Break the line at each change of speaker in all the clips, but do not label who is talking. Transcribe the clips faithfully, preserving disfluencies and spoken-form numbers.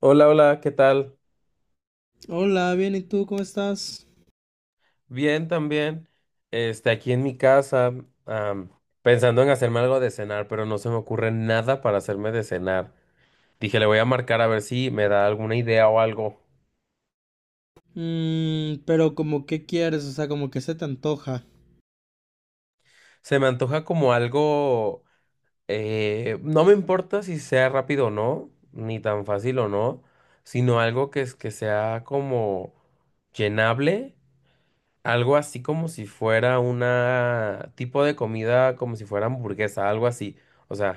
Hola, hola, ¿qué tal?
Hola, bien, ¿y tú cómo estás?
Bien, también. Este, aquí en mi casa, am, pensando en hacerme algo de cenar, pero no se me ocurre nada para hacerme de cenar. Dije, le voy a marcar a ver si me da alguna idea o algo.
Mm, pero como qué quieres, o sea, como que se te antoja.
Se me antoja como algo, eh, no me importa si sea rápido o no, ni tan fácil o no, sino algo que, es- que sea como llenable, algo así como si fuera una tipo de comida, como si fuera hamburguesa, algo así. O sea,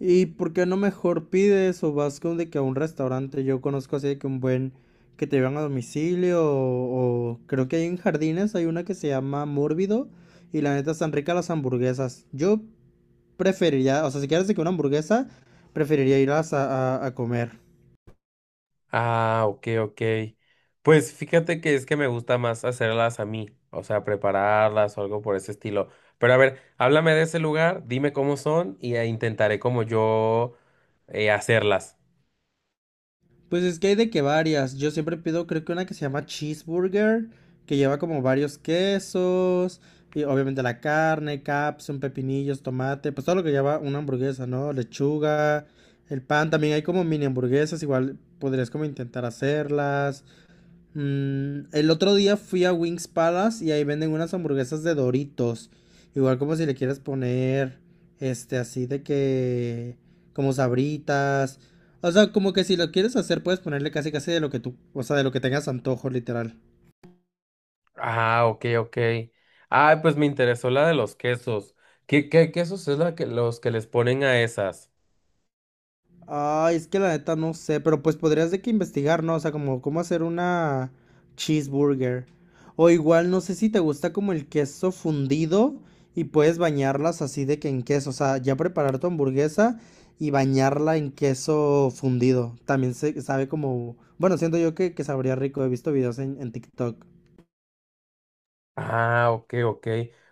¿Y por qué no mejor pides o vas con de que a un restaurante? Yo conozco así de que un buen que te llevan a domicilio o, o, creo que hay en Jardines hay una que se llama Mórbido y la neta están ricas las hamburguesas. Yo preferiría, o sea, si quieres de que una hamburguesa, preferiría ir a, a a comer.
ah, ok, ok. Pues fíjate que es que me gusta más hacerlas a mí, o sea, prepararlas o algo por ese estilo. Pero a ver, háblame de ese lugar, dime cómo son y eh, intentaré como yo eh, hacerlas.
Pues es que hay de que varias. Yo siempre pido, creo que una que se llama cheeseburger, que lleva como varios quesos, y obviamente la carne, capsun, pepinillos, tomate, pues todo lo que lleva una hamburguesa, ¿no? Lechuga, el pan, también hay como mini hamburguesas, igual podrías como intentar hacerlas. Mm, el otro día fui a Wings Palace y ahí venden unas hamburguesas de Doritos. Igual como si le quieres poner, este, así de que, como sabritas. O sea, como que si lo quieres hacer, puedes ponerle casi casi de lo que tú, o sea, de lo que tengas antojo, literal.
Ah, ok, ok. Ah, pues me interesó la de los quesos. ¿Qué, qué quesos es la que los que les ponen a esas?
Ay, es que la neta no sé, pero pues podrías de que investigar, ¿no? O sea, como cómo hacer una cheeseburger. O igual, no sé si te gusta como el queso fundido y puedes bañarlas así de que en queso. O sea, ya preparar tu hamburguesa y bañarla en queso fundido. También se sabe como, bueno, siento yo que, que, sabría rico. He visto videos en, en TikTok.
Ah, ok, ok.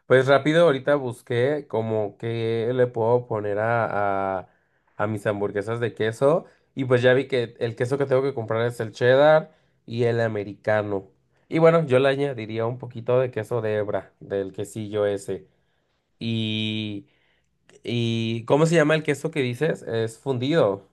Pues rápido, ahorita busqué como que le puedo poner a, a, a mis hamburguesas de queso. Y pues ya vi que el queso que tengo que comprar es el cheddar y el americano. Y bueno, yo le añadiría un poquito de queso de hebra, del quesillo ese. Y, y ¿cómo se llama el queso que dices? Es fundido.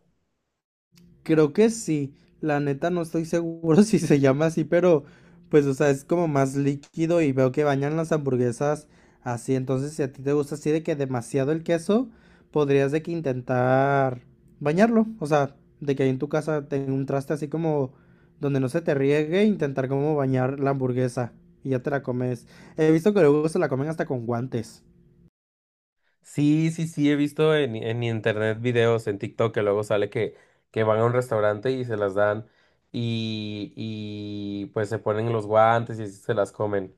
Creo que sí, la neta no estoy seguro si se llama así, pero pues o sea, es como más líquido y veo que bañan las hamburguesas así, entonces si a ti te gusta así de que demasiado el queso, podrías de que intentar bañarlo, o sea, de que ahí en tu casa tenga un traste así como donde no se te riegue, intentar como bañar la hamburguesa y ya te la comes. He visto que luego se la comen hasta con guantes.
Sí, sí, sí, he visto en, en internet videos en TikTok que luego sale que, que van a un restaurante y se las dan y, y pues se ponen los guantes y así se las comen.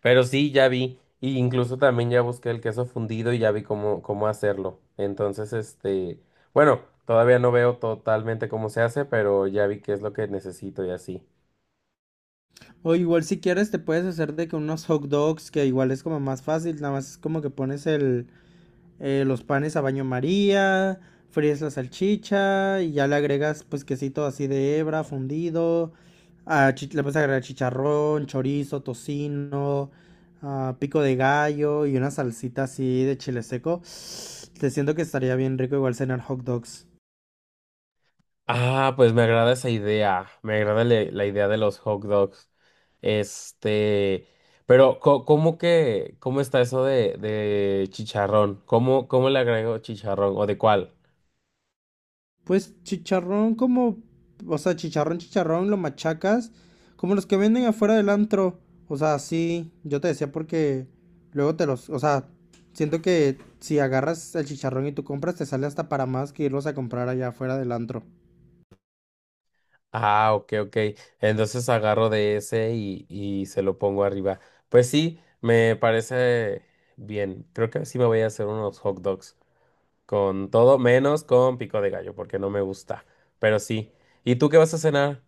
Pero sí, ya vi, y incluso también ya busqué el queso fundido y ya vi cómo, cómo hacerlo. Entonces, este, bueno, todavía no veo totalmente cómo se hace, pero ya vi qué es lo que necesito y así.
O igual si quieres te puedes hacer de que unos hot dogs, que igual es como más fácil, nada más es como que pones el eh, los panes a baño María, fríes la salchicha y ya le agregas pues quesito así de hebra fundido, ah, le puedes agregar chicharrón, chorizo, tocino, ah, pico de gallo y una salsita así de chile seco. Te siento que estaría bien rico igual cenar hot dogs.
Ah, pues me agrada esa idea. Me agrada la, la idea de los hot dogs. Este, pero co- ¿cómo que, cómo está eso de, de chicharrón? ¿Cómo, ¿cómo le agrego chicharrón? ¿O de cuál?
Pues chicharrón como, o sea, chicharrón, chicharrón, lo machacas, como los que venden afuera del antro. O sea, sí, yo te decía porque luego te los, o sea, siento que si agarras el chicharrón y tú compras, te sale hasta para más que irlos a comprar allá afuera del antro.
Ah, ok, ok. Entonces agarro de ese y, y se lo pongo arriba. Pues sí, me parece bien. Creo que sí me voy a hacer unos hot dogs. Con todo menos con pico de gallo, porque no me gusta. Pero sí. ¿Y tú qué vas a cenar?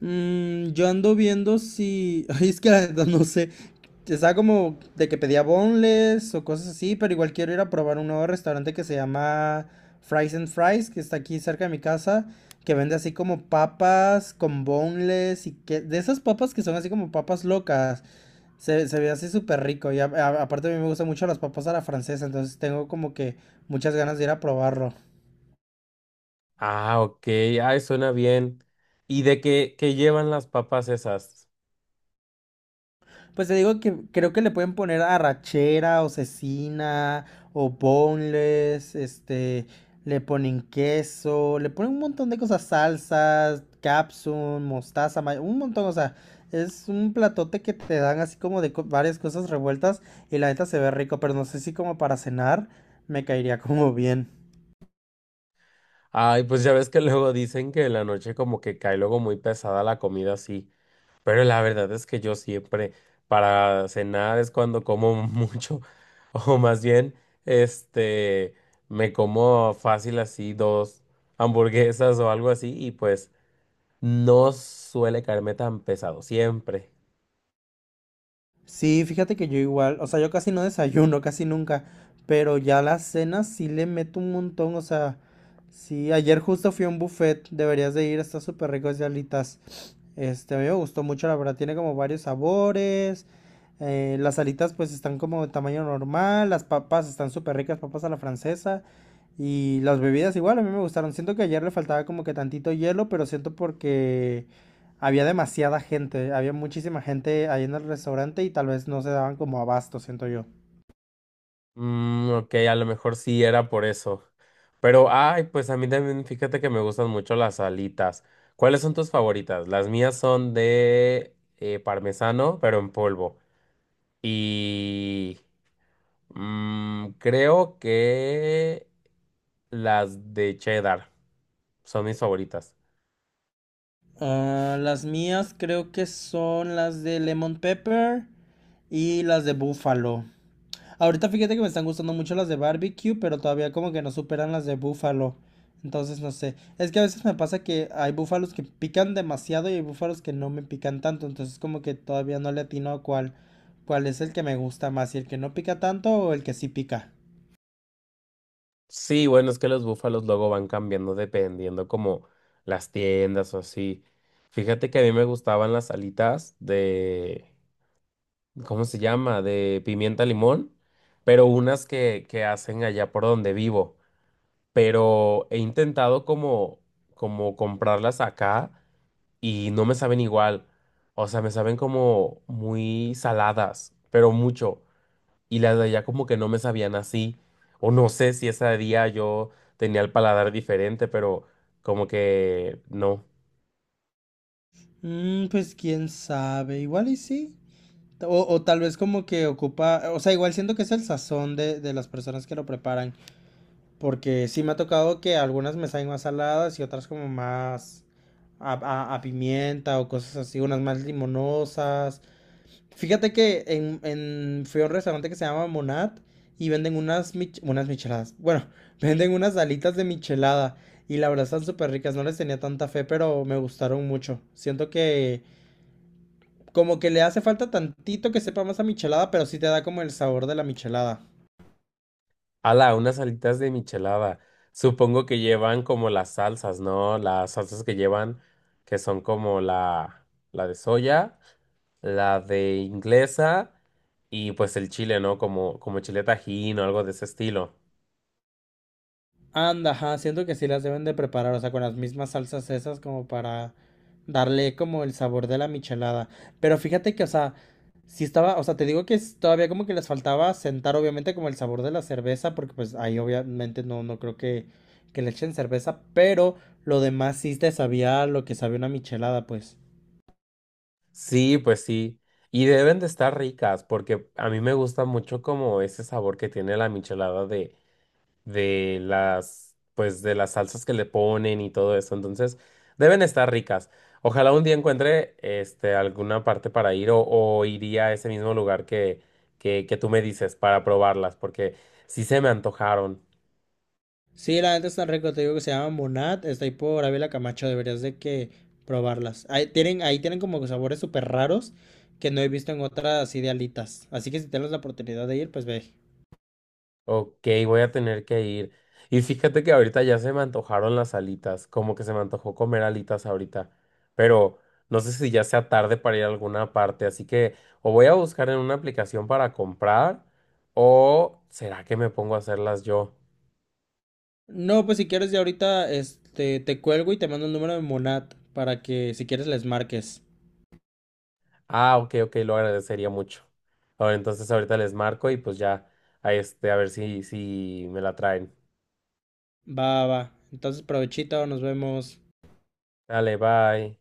Mm, yo ando viendo si. Ay, es que la neta no sé. Estaba como de que pedía boneless o cosas así, pero igual quiero ir a probar un nuevo restaurante que se llama Fries and Fries, que está aquí cerca de mi casa, que vende así como papas con boneless y que. De esas papas que son así como papas locas. Se, se ve así súper rico. Y a- a- aparte a mí me gustan mucho las papas a la francesa, entonces tengo como que muchas ganas de ir a probarlo.
Ah, ok, ay, suena bien. ¿Y de qué, qué llevan las papas esas?
Pues te digo que creo que le pueden poner arrachera o cecina o boneless, este, le ponen queso, le ponen un montón de cosas, salsas, capsun, mostaza, may- un montón, o sea, es un platote que te dan así como de co- varias cosas revueltas y la neta se ve rico, pero no sé si como para cenar me caería como bien.
Ay, pues ya ves que luego dicen que en la noche como que cae luego muy pesada la comida así, pero la verdad es que yo siempre para cenar es cuando como mucho, o más bien, este, me como fácil así dos hamburguesas o algo así y pues no suele caerme tan pesado, siempre.
Sí, fíjate que yo igual, o sea, yo casi no desayuno, casi nunca, pero ya las cenas sí le meto un montón, o sea, sí, ayer justo fui a un buffet, deberías de ir, está súper rico de alitas. Este, a mí me gustó mucho, la verdad, tiene como varios sabores, eh, las alitas pues están como de tamaño normal, las papas están súper ricas, papas a la francesa, y las bebidas igual, a mí me gustaron, siento que ayer le faltaba como que tantito hielo, pero siento porque. Había demasiada gente, había muchísima gente ahí en el restaurante y tal vez no se daban como abasto, siento yo.
Mm, ok, a lo mejor sí era por eso. Pero, ay, pues a mí también, fíjate que me gustan mucho las alitas. ¿Cuáles son tus favoritas? Las mías son de eh, parmesano, pero en polvo. Y mm, creo que las de cheddar son mis favoritas.
Ah, las mías creo que son las de Lemon Pepper y las de Buffalo. Ahorita fíjate que me están gustando mucho las de barbecue, pero todavía como que no superan las de búfalo. Entonces no sé. Es que a veces me pasa que hay búfalos que pican demasiado y hay búfalos que no me pican tanto. Entonces como que todavía no le atino a cuál, cuál es el que me gusta más, si el que no pica tanto o el que sí pica.
Sí, bueno, es que los búfalos luego van cambiando dependiendo como las tiendas o así. Fíjate que a mí me gustaban las alitas de... ¿cómo se llama? De pimienta limón, pero unas que, que hacen allá por donde vivo. Pero he intentado como, como comprarlas acá y no me saben igual. O sea, me saben como muy saladas, pero mucho. Y las de allá como que no me sabían así. O no sé si ese día yo tenía el paladar diferente, pero como que no.
Mm, pues quién sabe, igual y sí. O, o tal vez como que ocupa, o sea, igual siento que es el sazón de, de, las personas que lo preparan, porque sí me ha tocado que algunas me saben más saladas y otras como más a, a- a pimienta o cosas así, unas más limonosas. Fíjate que en, en, fui a un restaurante que se llama Monat y venden unas, mich- unas micheladas, bueno, venden unas alitas de michelada y la verdad están súper ricas, no les tenía tanta fe, pero me gustaron mucho. Siento que. Como que le hace falta tantito que sepa más a michelada, pero sí te da como el sabor de la michelada.
Ala, unas alitas de michelada. Supongo que llevan como las salsas, ¿no? Las salsas que llevan, que son como la, la de soya, la de inglesa y pues el chile, ¿no? Como, como chile tajín o algo de ese estilo.
Anda, ajá, siento que sí las deben de preparar, o sea, con las mismas salsas esas como para darle como el sabor de la michelada. Pero fíjate que, o sea, sí estaba, o sea, te digo que es- todavía como que les faltaba sentar obviamente como el sabor de la cerveza, porque pues ahí obviamente no, no creo que, que, le echen cerveza, pero lo demás sí te sabía lo que sabía una michelada, pues.
Sí, pues sí. Y deben de estar ricas porque a mí me gusta mucho como ese sabor que tiene la michelada de de las, pues de las salsas que le ponen y todo eso. Entonces, deben estar ricas. Ojalá un día encuentre este alguna parte para ir o, o iría a ese mismo lugar que, que, que tú me dices para probarlas, porque sí se me antojaron.
Sí, la neta está rico, te digo que se llama Monat, está ahí por Ávila Camacho, deberías de que probarlas. Ahí tienen, ahí tienen como que sabores súper raros que no he visto en otras así de alitas. Así que si tienes la oportunidad de ir, pues ve.
Ok, voy a tener que ir. Y fíjate que ahorita ya se me antojaron las alitas, como que se me antojó comer alitas ahorita, pero no sé si ya sea tarde para ir a alguna parte, así que o voy a buscar en una aplicación para comprar o será que me pongo a hacerlas yo.
No, pues si quieres ya ahorita, este, te cuelgo y te mando el número de Monat para que si quieres les marques.
Ah, ok, ok, lo agradecería mucho. Ahora entonces ahorita les marco y pues ya, a este, a ver si, si me la traen.
Va. Va. Entonces, provechito, nos vemos.
Dale, bye.